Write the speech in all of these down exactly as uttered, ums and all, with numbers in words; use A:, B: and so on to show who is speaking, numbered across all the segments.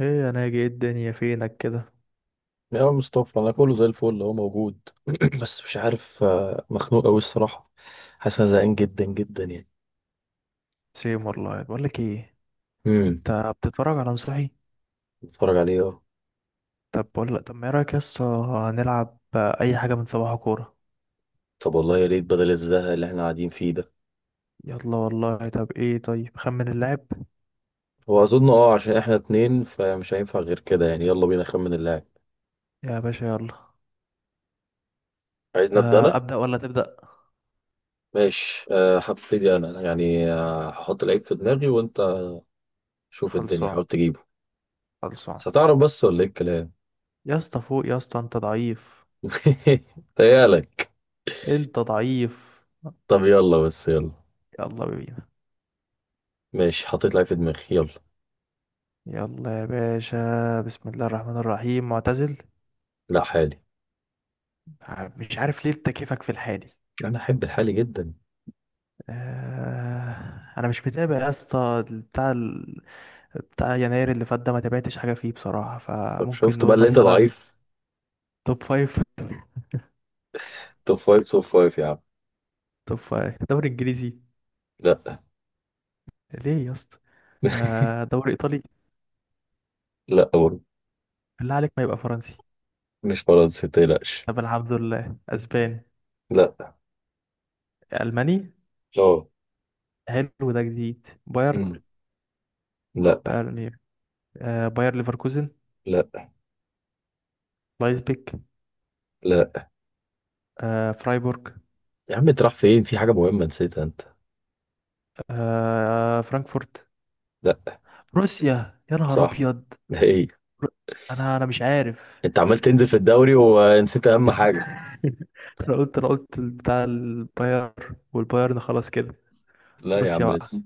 A: ايه انا اجي ايه الدنيا فينك كده.
B: يا مصطفى، انا كله زي الفل هو موجود. بس مش عارف، آه، مخنوق قوي الصراحه. حاسس انا زهقان جدا جدا يعني.
A: سيم والله بقول لك ايه.
B: امم.
A: انت بتتفرج على نصوحي؟
B: بتفرج عليه، اه.
A: طب بقول لك، طب ما ايه رايك يا اسطى؟ هنلعب اي حاجه، من صباح كوره.
B: طب والله يا ريت بدل الزهق اللي احنا قاعدين فيه ده.
A: يلا والله، طب ايه، طيب خمن اللاعب.
B: هو اظن، اه، عشان احنا اتنين فمش هينفع غير كده يعني. يلا بينا نخمن اللاعب.
A: يا باشا يلا.
B: عايز نبدا
A: آه،
B: انا.
A: ابدا ولا تبدا؟
B: ماشي، آه، هبتدي انا يعني. آه، هحط لعيب في دماغي وانت شوف الدنيا
A: خلصان.
B: حاول تجيبه.
A: خلصان.
B: بس هتعرف بس ولا ايه الكلام؟
A: يا اسطى فوق، يا اسطى انت ضعيف.
B: تهيألك.
A: انت ضعيف.
B: طب يلا، بس يلا.
A: يلا بينا.
B: ماشي، حطيت لعيب في دماغي، يلا.
A: يلا يا باشا، بسم الله الرحمن الرحيم. معتزل.
B: لا، حالي.
A: مش عارف ليه، انت كيفك في الحالي.
B: انا احب الحالي جدا.
A: آه، انا مش متابع يا اسطى بتاع ال... بتاع يناير اللي فات ده، ما تابعتش حاجه فيه بصراحه،
B: طب
A: فممكن
B: شفت بقى
A: نقول
B: اللي انت
A: مثلا
B: ضعيف؟
A: توب فايف.
B: توب فايف، توب فايف يا عم.
A: توب فايف دوري انجليزي.
B: لا.
A: ليه يا اسطى؟ آه، دوري ايطالي.
B: لا، برضه.
A: بالله عليك، ما يبقى فرنسي.
B: مش فرنسا، متقلقش.
A: طب الحمد لله، اسباني.
B: لا.
A: الماني.
B: اه.
A: حلو، ده جديد. بايرن.
B: أمم. لا.
A: بايرن إيه؟ آه، باير ليفركوزن.
B: لا،
A: لايبزيج.
B: لا.
A: آه، فرايبورغ.
B: يا عم انت رايح فين؟ في حاجه مهمه نسيتها انت.
A: آه، فرانكفورت.
B: لا.
A: روسيا، يا نهار
B: صح.
A: ابيض.
B: ده ايه؟
A: رو- انا انا مش عارف
B: انت عمال تنزل في الدوري ونسيت اهم حاجه.
A: انا قلت انا قلت بتاع الباير. والبايرن خلاص كده.
B: لا يا
A: بروسيا
B: عم،
A: بقى.
B: لسه.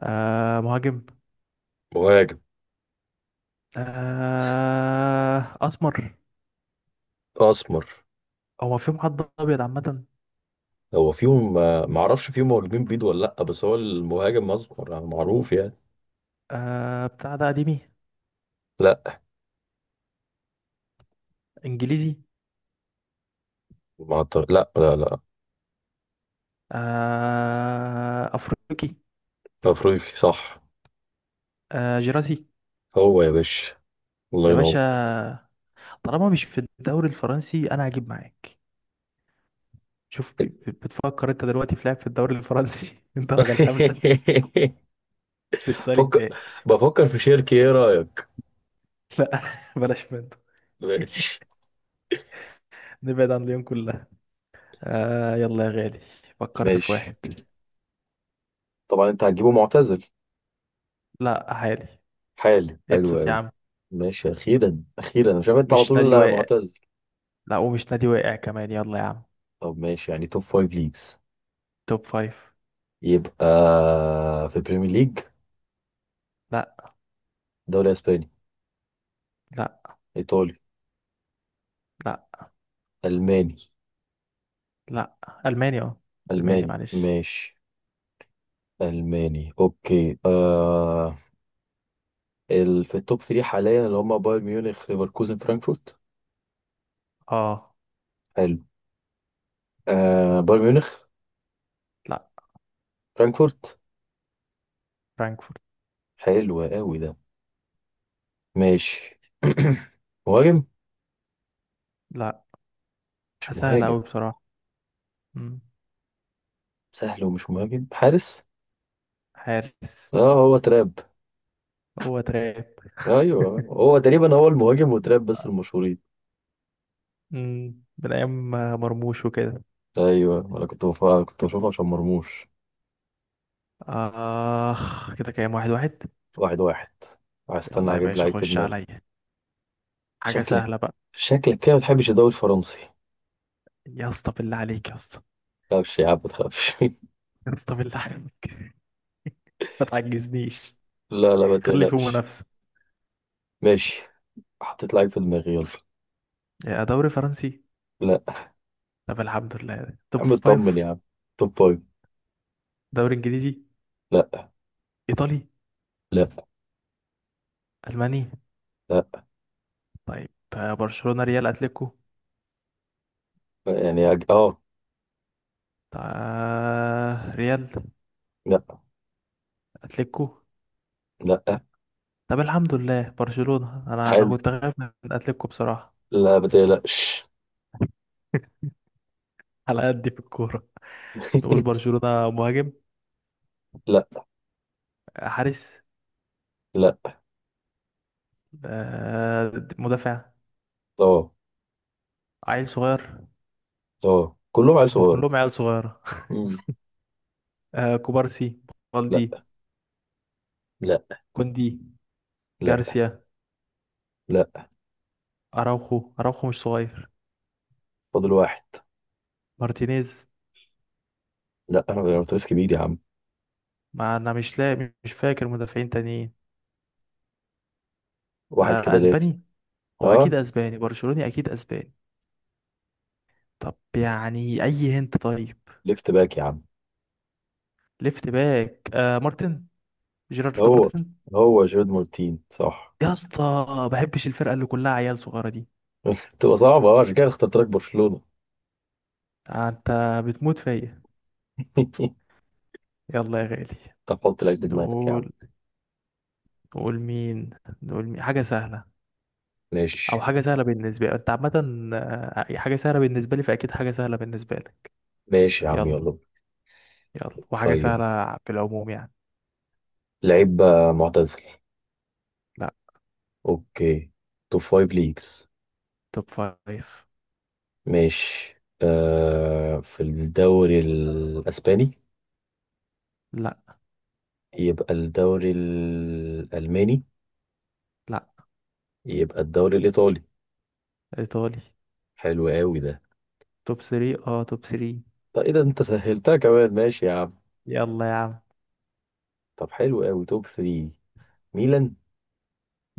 A: آه مهاجم.
B: مهاجم.
A: آه اسمر.
B: اسمر.
A: هو ما فيهم حد ابيض عامه؟
B: هو فيهم. ما اعرفش فيهم مهاجمين بيض ولا لا، بس هو المهاجم اسمر يعني معروف يعني.
A: آه بتاع ده قديمي.
B: لا.
A: انجليزي.
B: ما أعتقد- لا لا لا.
A: آه افريقي.
B: افريقي، صح.
A: آه جراسي.
B: هو يا باشا. الله
A: يا
B: ينور.
A: باشا، طالما مش في الدوري الفرنسي انا هجيب معاك. شوف، ب- ب- بتفكر انت دلوقتي في لعب في الدوري الفرنسي الدرجه الخامسه للسؤال
B: فكر.
A: الجاي.
B: بفكر في شركة، ايه رأيك؟
A: لا بلاش منه
B: ماشي.
A: نبعد عن ليون كلها. آه يلا يا غالي، فكرت في
B: ماشي.
A: واحد.
B: طبعا انت هتجيبه معتزل.
A: لا عالي.
B: حالي حلو
A: ابسط يا
B: قوي.
A: عم.
B: ماشي، اخيرا اخيرا انا شايف انت على
A: مش نادي
B: طول
A: واقع.
B: معتزل.
A: لا، ومش نادي واقع كمان. يلا يا عم.
B: طب ماشي يعني توب فايف ليجز.
A: توب فايف.
B: يبقى في بريمير ليج.
A: لا.
B: دوري اسباني.
A: لا.
B: ايطالي.
A: لا.
B: الماني.
A: لا. ألماني اه. ألماني
B: الماني
A: معلش.
B: ماشي. الماني اوكي آه ال... في التوب ثلاثة حاليا اللي هم بايرن ميونخ، ليفركوزن، فرانكفورت.
A: اه.
B: حلو. آه بايرن ميونخ.
A: لا.
B: فرانكفورت.
A: فرانكفورت.
B: حلو قوي ده. ماشي. مهاجم.
A: لا.
B: مش
A: سهل
B: مهاجم.
A: أوي بصراحة. مم.
B: سهل ومش مهاجم، حارس.
A: حارس.
B: اه، هو تراب.
A: هو تراب.
B: ايوه هو تقريبا هو المهاجم وتراب بس المشهورين.
A: مم، من أيام مرموش وكده.
B: ايوه، انا كنت بف... كنت بشوفه عشان مرموش.
A: آخ كده، كام؟ واحد واحد.
B: واحد واحد.
A: يلا
B: هستنى
A: يا
B: اجيب
A: باشا،
B: لعيب في
A: خش
B: دماغي.
A: عليا. حاجة
B: شكلك.
A: سهلة بقى.
B: شكلك كده ما بتحبش الدوري الفرنسي.
A: يا اسطى بالله عليك، يا اسطى.
B: لا مش يا عم، ما تخافش.
A: يا اسطى بالله عليك، ما تعجزنيش.
B: لا لا، ما
A: خلي فيه
B: تقلقش.
A: منافسة.
B: ماشي، حطيت لعيب في دماغي، يلا.
A: يا دوري فرنسي.
B: لا
A: طب الحمد لله،
B: يا
A: توب
B: عم، اطمن
A: فايف.
B: يا عم. توب فايف.
A: دوري انجليزي.
B: لا.
A: ايطالي.
B: لا.
A: الماني.
B: لا.
A: طيب. آه، برشلونة، ريال، اتلتيكو.
B: يعني أج... اه.
A: طيب آه، ريال.
B: لا.
A: اتلتيكو.
B: لا.
A: طب الحمد لله برشلونة، انا انا
B: حلو.
A: كنت خايف من اتلتيكو بصراحة
B: لا، ما تقلقش.
A: على قد في الكورة. نقول برشلونة. مهاجم.
B: لا.
A: آه، حارس.
B: لا،
A: آه، مدافع.
B: اه.
A: عيل صغير.
B: اه، كلهم عيال
A: ما
B: صغيرة.
A: كلهم عيال صغيرة
B: مم.
A: آه، كوبارسي.
B: لا.
A: بالدي.
B: لا.
A: كوندي.
B: لا.
A: جارسيا.
B: لا.
A: اراوخو. اراوخو مش صغير.
B: فاضل واحد.
A: مارتينيز.
B: لا، انا بيراميدز كبير يا عم.
A: ما انا مش لاقي، مش فاكر مدافعين تانيين.
B: واحد
A: آه،
B: كده، ليفت.
A: اسباني. هو اكيد
B: اه.
A: اسباني، برشلوني اكيد اسباني. طب يعني اي هنت طيب.
B: ليفت باك يا عم.
A: ليفت باك آه مارتن. جيرارد
B: هو.
A: مارتن.
B: هو جيرد مارتين، صح.
A: يا اسطى، بحبش الفرقه اللي كلها عيال صغيره دي.
B: تبقى صعبة، اه، عشان كده اخترت لك برشلونة.
A: آه، انت بتموت فيا. يلا يا غالي.
B: طب حط لك دماغك يا عم.
A: نقول نقول مين. نقول مين، حاجه سهله. او
B: ماشي.
A: حاجه سهله بالنسبه لي، انت عامه. آه، حاجه سهله بالنسبه لي، فاكيد حاجه سهله بالنسبه لك.
B: ماشي يا عم،
A: يلا.
B: يلا.
A: يلا، وحاجة
B: طيب.
A: سهلة في العموم يعني.
B: لعيب، آه، معتزل.
A: لا.
B: اوكي. توب فايف ليجز.
A: توب فايف.
B: ماشي. آه في الدوري الأسباني.
A: لا.
B: يبقى الدوري الألماني.
A: لا.
B: يبقى الدوري الإيطالي.
A: إيطالي.
B: حلو قوي ده.
A: توب ثري، اه توب ثري.
B: طب إيه ده، أنت سهلتها كمان. ماشي يا عم.
A: يلا يا عم.
B: طب حلو قوي، توب ثلاثة. ميلان.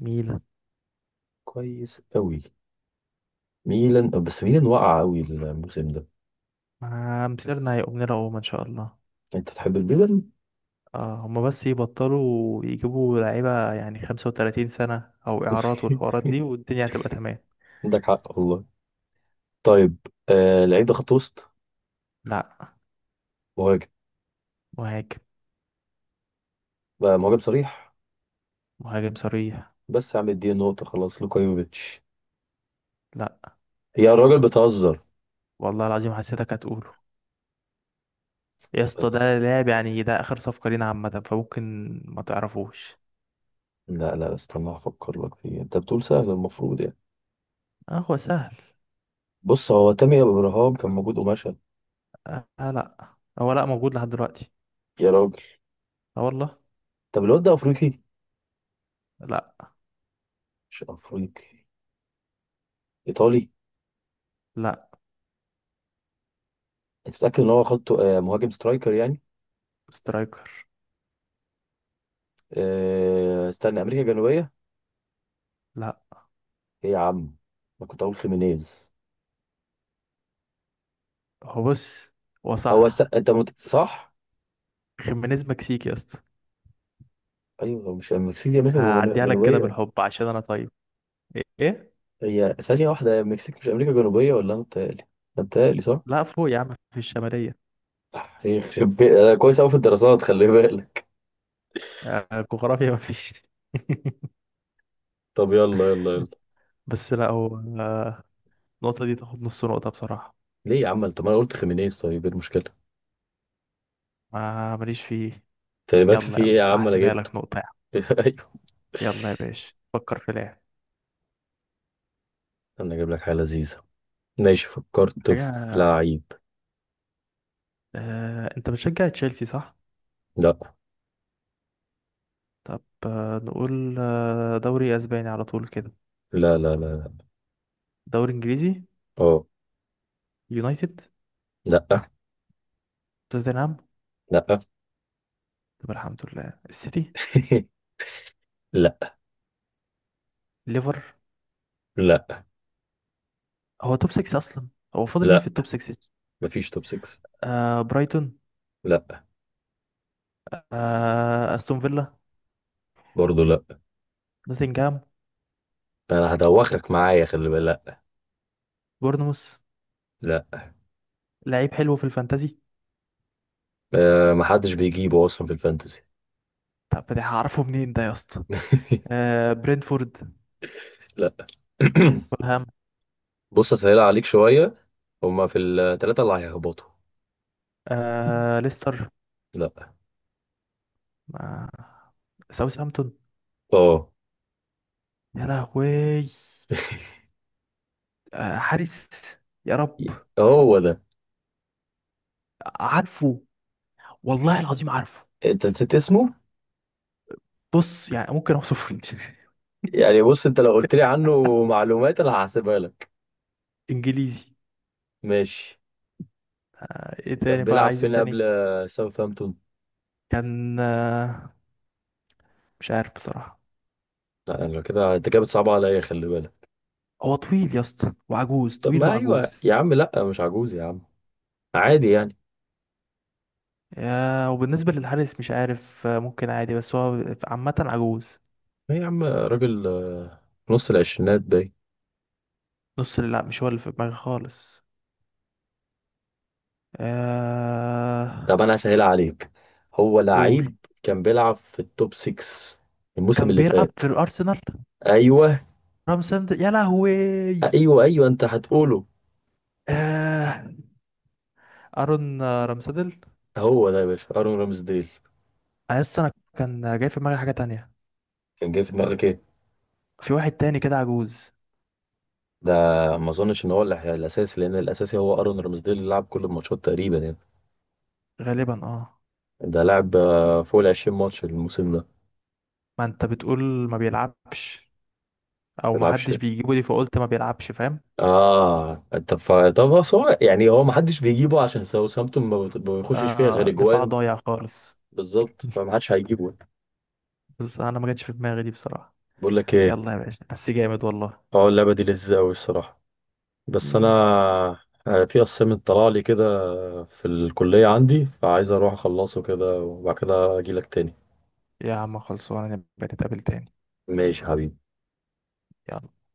A: ميلان.
B: كويس قوي. ميلان، آه، بس ميلان وقع قوي الموسم ده.
A: ما مسيرنا هيقوم لنا قوم إن شاء الله.
B: أنت تحب الميلان.
A: اه، هما بس يبطلوا يجيبوا لعيبة يعني خمسة وتلاتين سنة أو إعارات والحوارات دي، والدنيا هتبقى تمام.
B: عندك حق والله. طيب. آه لعيب ده خط وسط.
A: لا.
B: مهاجم.
A: مهاجم.
B: بقى مهاجم صريح.
A: مهاجم صريح.
B: بس يا عم اديني نقطة، خلاص لوكا يوفيتش.
A: لا،
B: هي الراجل بتهزر.
A: والله العظيم حسيتك هتقوله. يا اسطى،
B: بس.
A: ده لاعب يعني، ده آخر صفقة لينا عامة، فممكن ما تعرفوش.
B: لا لا، استنى افكر لك فيه، انت بتقول سهل المفروض يعني.
A: اه هو سهل.
B: بص، هو تامر ابراهام كان موجود ومشى.
A: آه لا، هو لا موجود لحد دلوقتي.
B: يا راجل.
A: اه والله.
B: طب الواد ده افريقي؟
A: لا.
B: مش افريقي. ايطالي.
A: لا.
B: انت متاكد ان هو خدته؟ آه، مهاجم سترايكر يعني.
A: سترايكر.
B: آه، استنى، امريكا الجنوبيه.
A: لا.
B: ايه يا عم؟ ما كنت اقول خيمينيز.
A: هو بص، هو
B: هو است...
A: صح.
B: انت مت... صح.
A: خيمينيز مكسيكي يا اسطى.
B: ايوه، هو مش المكسيك دي امريكا جمن-
A: هعديها لك كده
B: جنوبيه؟
A: بالحب، عشان انا طيب. ايه إيه؟
B: هي ثانيه واحده، هي المكسيك مش امريكا جنوبيه ولا انا متهيألي؟ أنا متهيألي صح؟
A: لا فوق يا عم، في الشمالية.
B: صح، يخرب بي- انا كويس قوي في الدراسات، خلي بالك.
A: آه، جغرافيا مفيش
B: طب يلا يلا يلا.
A: بس لا هو، النقطة دي تاخد نص نقطة بصراحة.
B: ليه يا عم؟ انت، ما انا قلت خيمينيز، طيب ايه المشكله؟
A: ما ماليش فيه.
B: انت مالكش
A: يلا
B: فيه ايه
A: يلا،
B: يا عم، انا
A: هحسبها
B: جبته.
A: لك نقطة يا عم.
B: ايوه.
A: يلا يا باشا، فكر في لاعب.
B: انا اجيب لك حاجه لذيذه. ماشي، فكرت في
A: حاجة.
B: لعيب.
A: آه، انت بتشجع تشيلسي صح؟
B: لا.
A: طب آه، نقول آه، دوري اسباني على طول كده.
B: لا لا لا لا.
A: دوري انجليزي.
B: اه.
A: يونايتد.
B: لا.
A: توتنهام.
B: لا.
A: طب الحمد لله، السيتي.
B: لا.
A: ليفر.
B: لا،
A: هو توب ستة اصلا، هو فاضل مين في
B: لا.
A: التوب ستة؟
B: مفيش توب ستة.
A: آه برايتون.
B: لا.
A: آه استون فيلا.
B: برضه لا.
A: نوتنغهام.
B: انا هدوخك معايا، خلي بالك.
A: بورنموث.
B: لا لا.
A: لعيب حلو في الفانتازي.
B: أه، محدش بيجيبه اصلا في الفانتسي.
A: طب ده هعرفه منين ده يا اسطى؟ آه برينفورد.
B: لا.
A: فولهام.
B: بص اسهلها عليك شويه، هما في الثلاثه اللي هيهبطوا.
A: آه ليستر.
B: لا.
A: آه ساوثهامبتون.
B: اه،
A: يا لهوي. آه حارس. يا رب.
B: هو ده.
A: عارفه. والله العظيم عارفه.
B: انت نسيت اسمه.
A: بص يعني، ممكن اوصفه
B: يعني بص، انت لو قلت لي عنه معلومات انا هحسبها لك.
A: انجليزي.
B: ماشي.
A: ايه
B: كان
A: تاني بقى،
B: بيلعب
A: عايز ايه
B: فين
A: تاني؟
B: قبل آه، ساوثهامبتون؟
A: كان آه، مش عارف بصراحة.
B: لا، انا كده، انت كده بتصعب عليا، خلي بالك.
A: هو طويل يا اسطى وعجوز،
B: طب،
A: طويل
B: ما ايوه
A: وعجوز.
B: يا عم، لا مش عجوز يا عم. عادي يعني.
A: يا وبالنسبة للحارس، مش عارف آه، ممكن عادي، بس هو عامة عجوز.
B: ايه يا عم، راجل، آه، في نص العشرينات باين.
A: نص اللعب، مش هو اللي في دماغي خالص. آه...
B: طب انا هسهلها عليك. هو
A: قول.
B: لعيب كان بيلعب في التوب ستة الموسم
A: كان
B: اللي
A: بيلعب
B: فات.
A: في الأرسنال.
B: ايوه
A: رامسند، يا لهوي.
B: ايوه، ايوه انت هتقوله.
A: آه... أرون آه، رامسدل.
B: هو ده يا باشا، ارون رامسديل.
A: أنا لسه أنا كان جاي في دماغي حاجة تانية.
B: كان جاي في دماغك.
A: في واحد تاني كده عجوز.
B: ده، ما اظنش ان هو اللي هي- الاساسي، لان الاساسي هو ارون رامسديل اللي لعب كل الماتشات تقريبا يعني.
A: غالبا اه.
B: ده لعب آه، فوق ال عشرين ماتش الموسم ده، ما
A: ما انت بتقول ما بيلعبش او ما
B: بيلعبش.
A: حدش بيجيبه دي، فقلت ما بيلعبش، فاهم.
B: اه انت ف... طب بس هو يعني هو ما حدش بيجيبه عشان ساوثهامبتون ما بت- ما بيخشش فيها غير
A: آه، دفاع
B: اجوان.
A: ضايع خالص.
B: بالظبط، فما حدش هيجيبه.
A: بس انا ما جاتش في دماغي دي بصراحة.
B: بقول لك ايه،
A: يلا يا باشا، بس جامد والله.
B: اه اللعبه دي لذيذه قوي الصراحه، بس انا،
A: مم.
B: آه، في اسايمنت طلع لي كده في الكليه عندي، فعايز اروح اخلصه كده وبعد كده اجي لك تاني.
A: يا عم خلصونا، نبقى نتقابل تاني.
B: ماشي يا حبيبي.
A: يلا.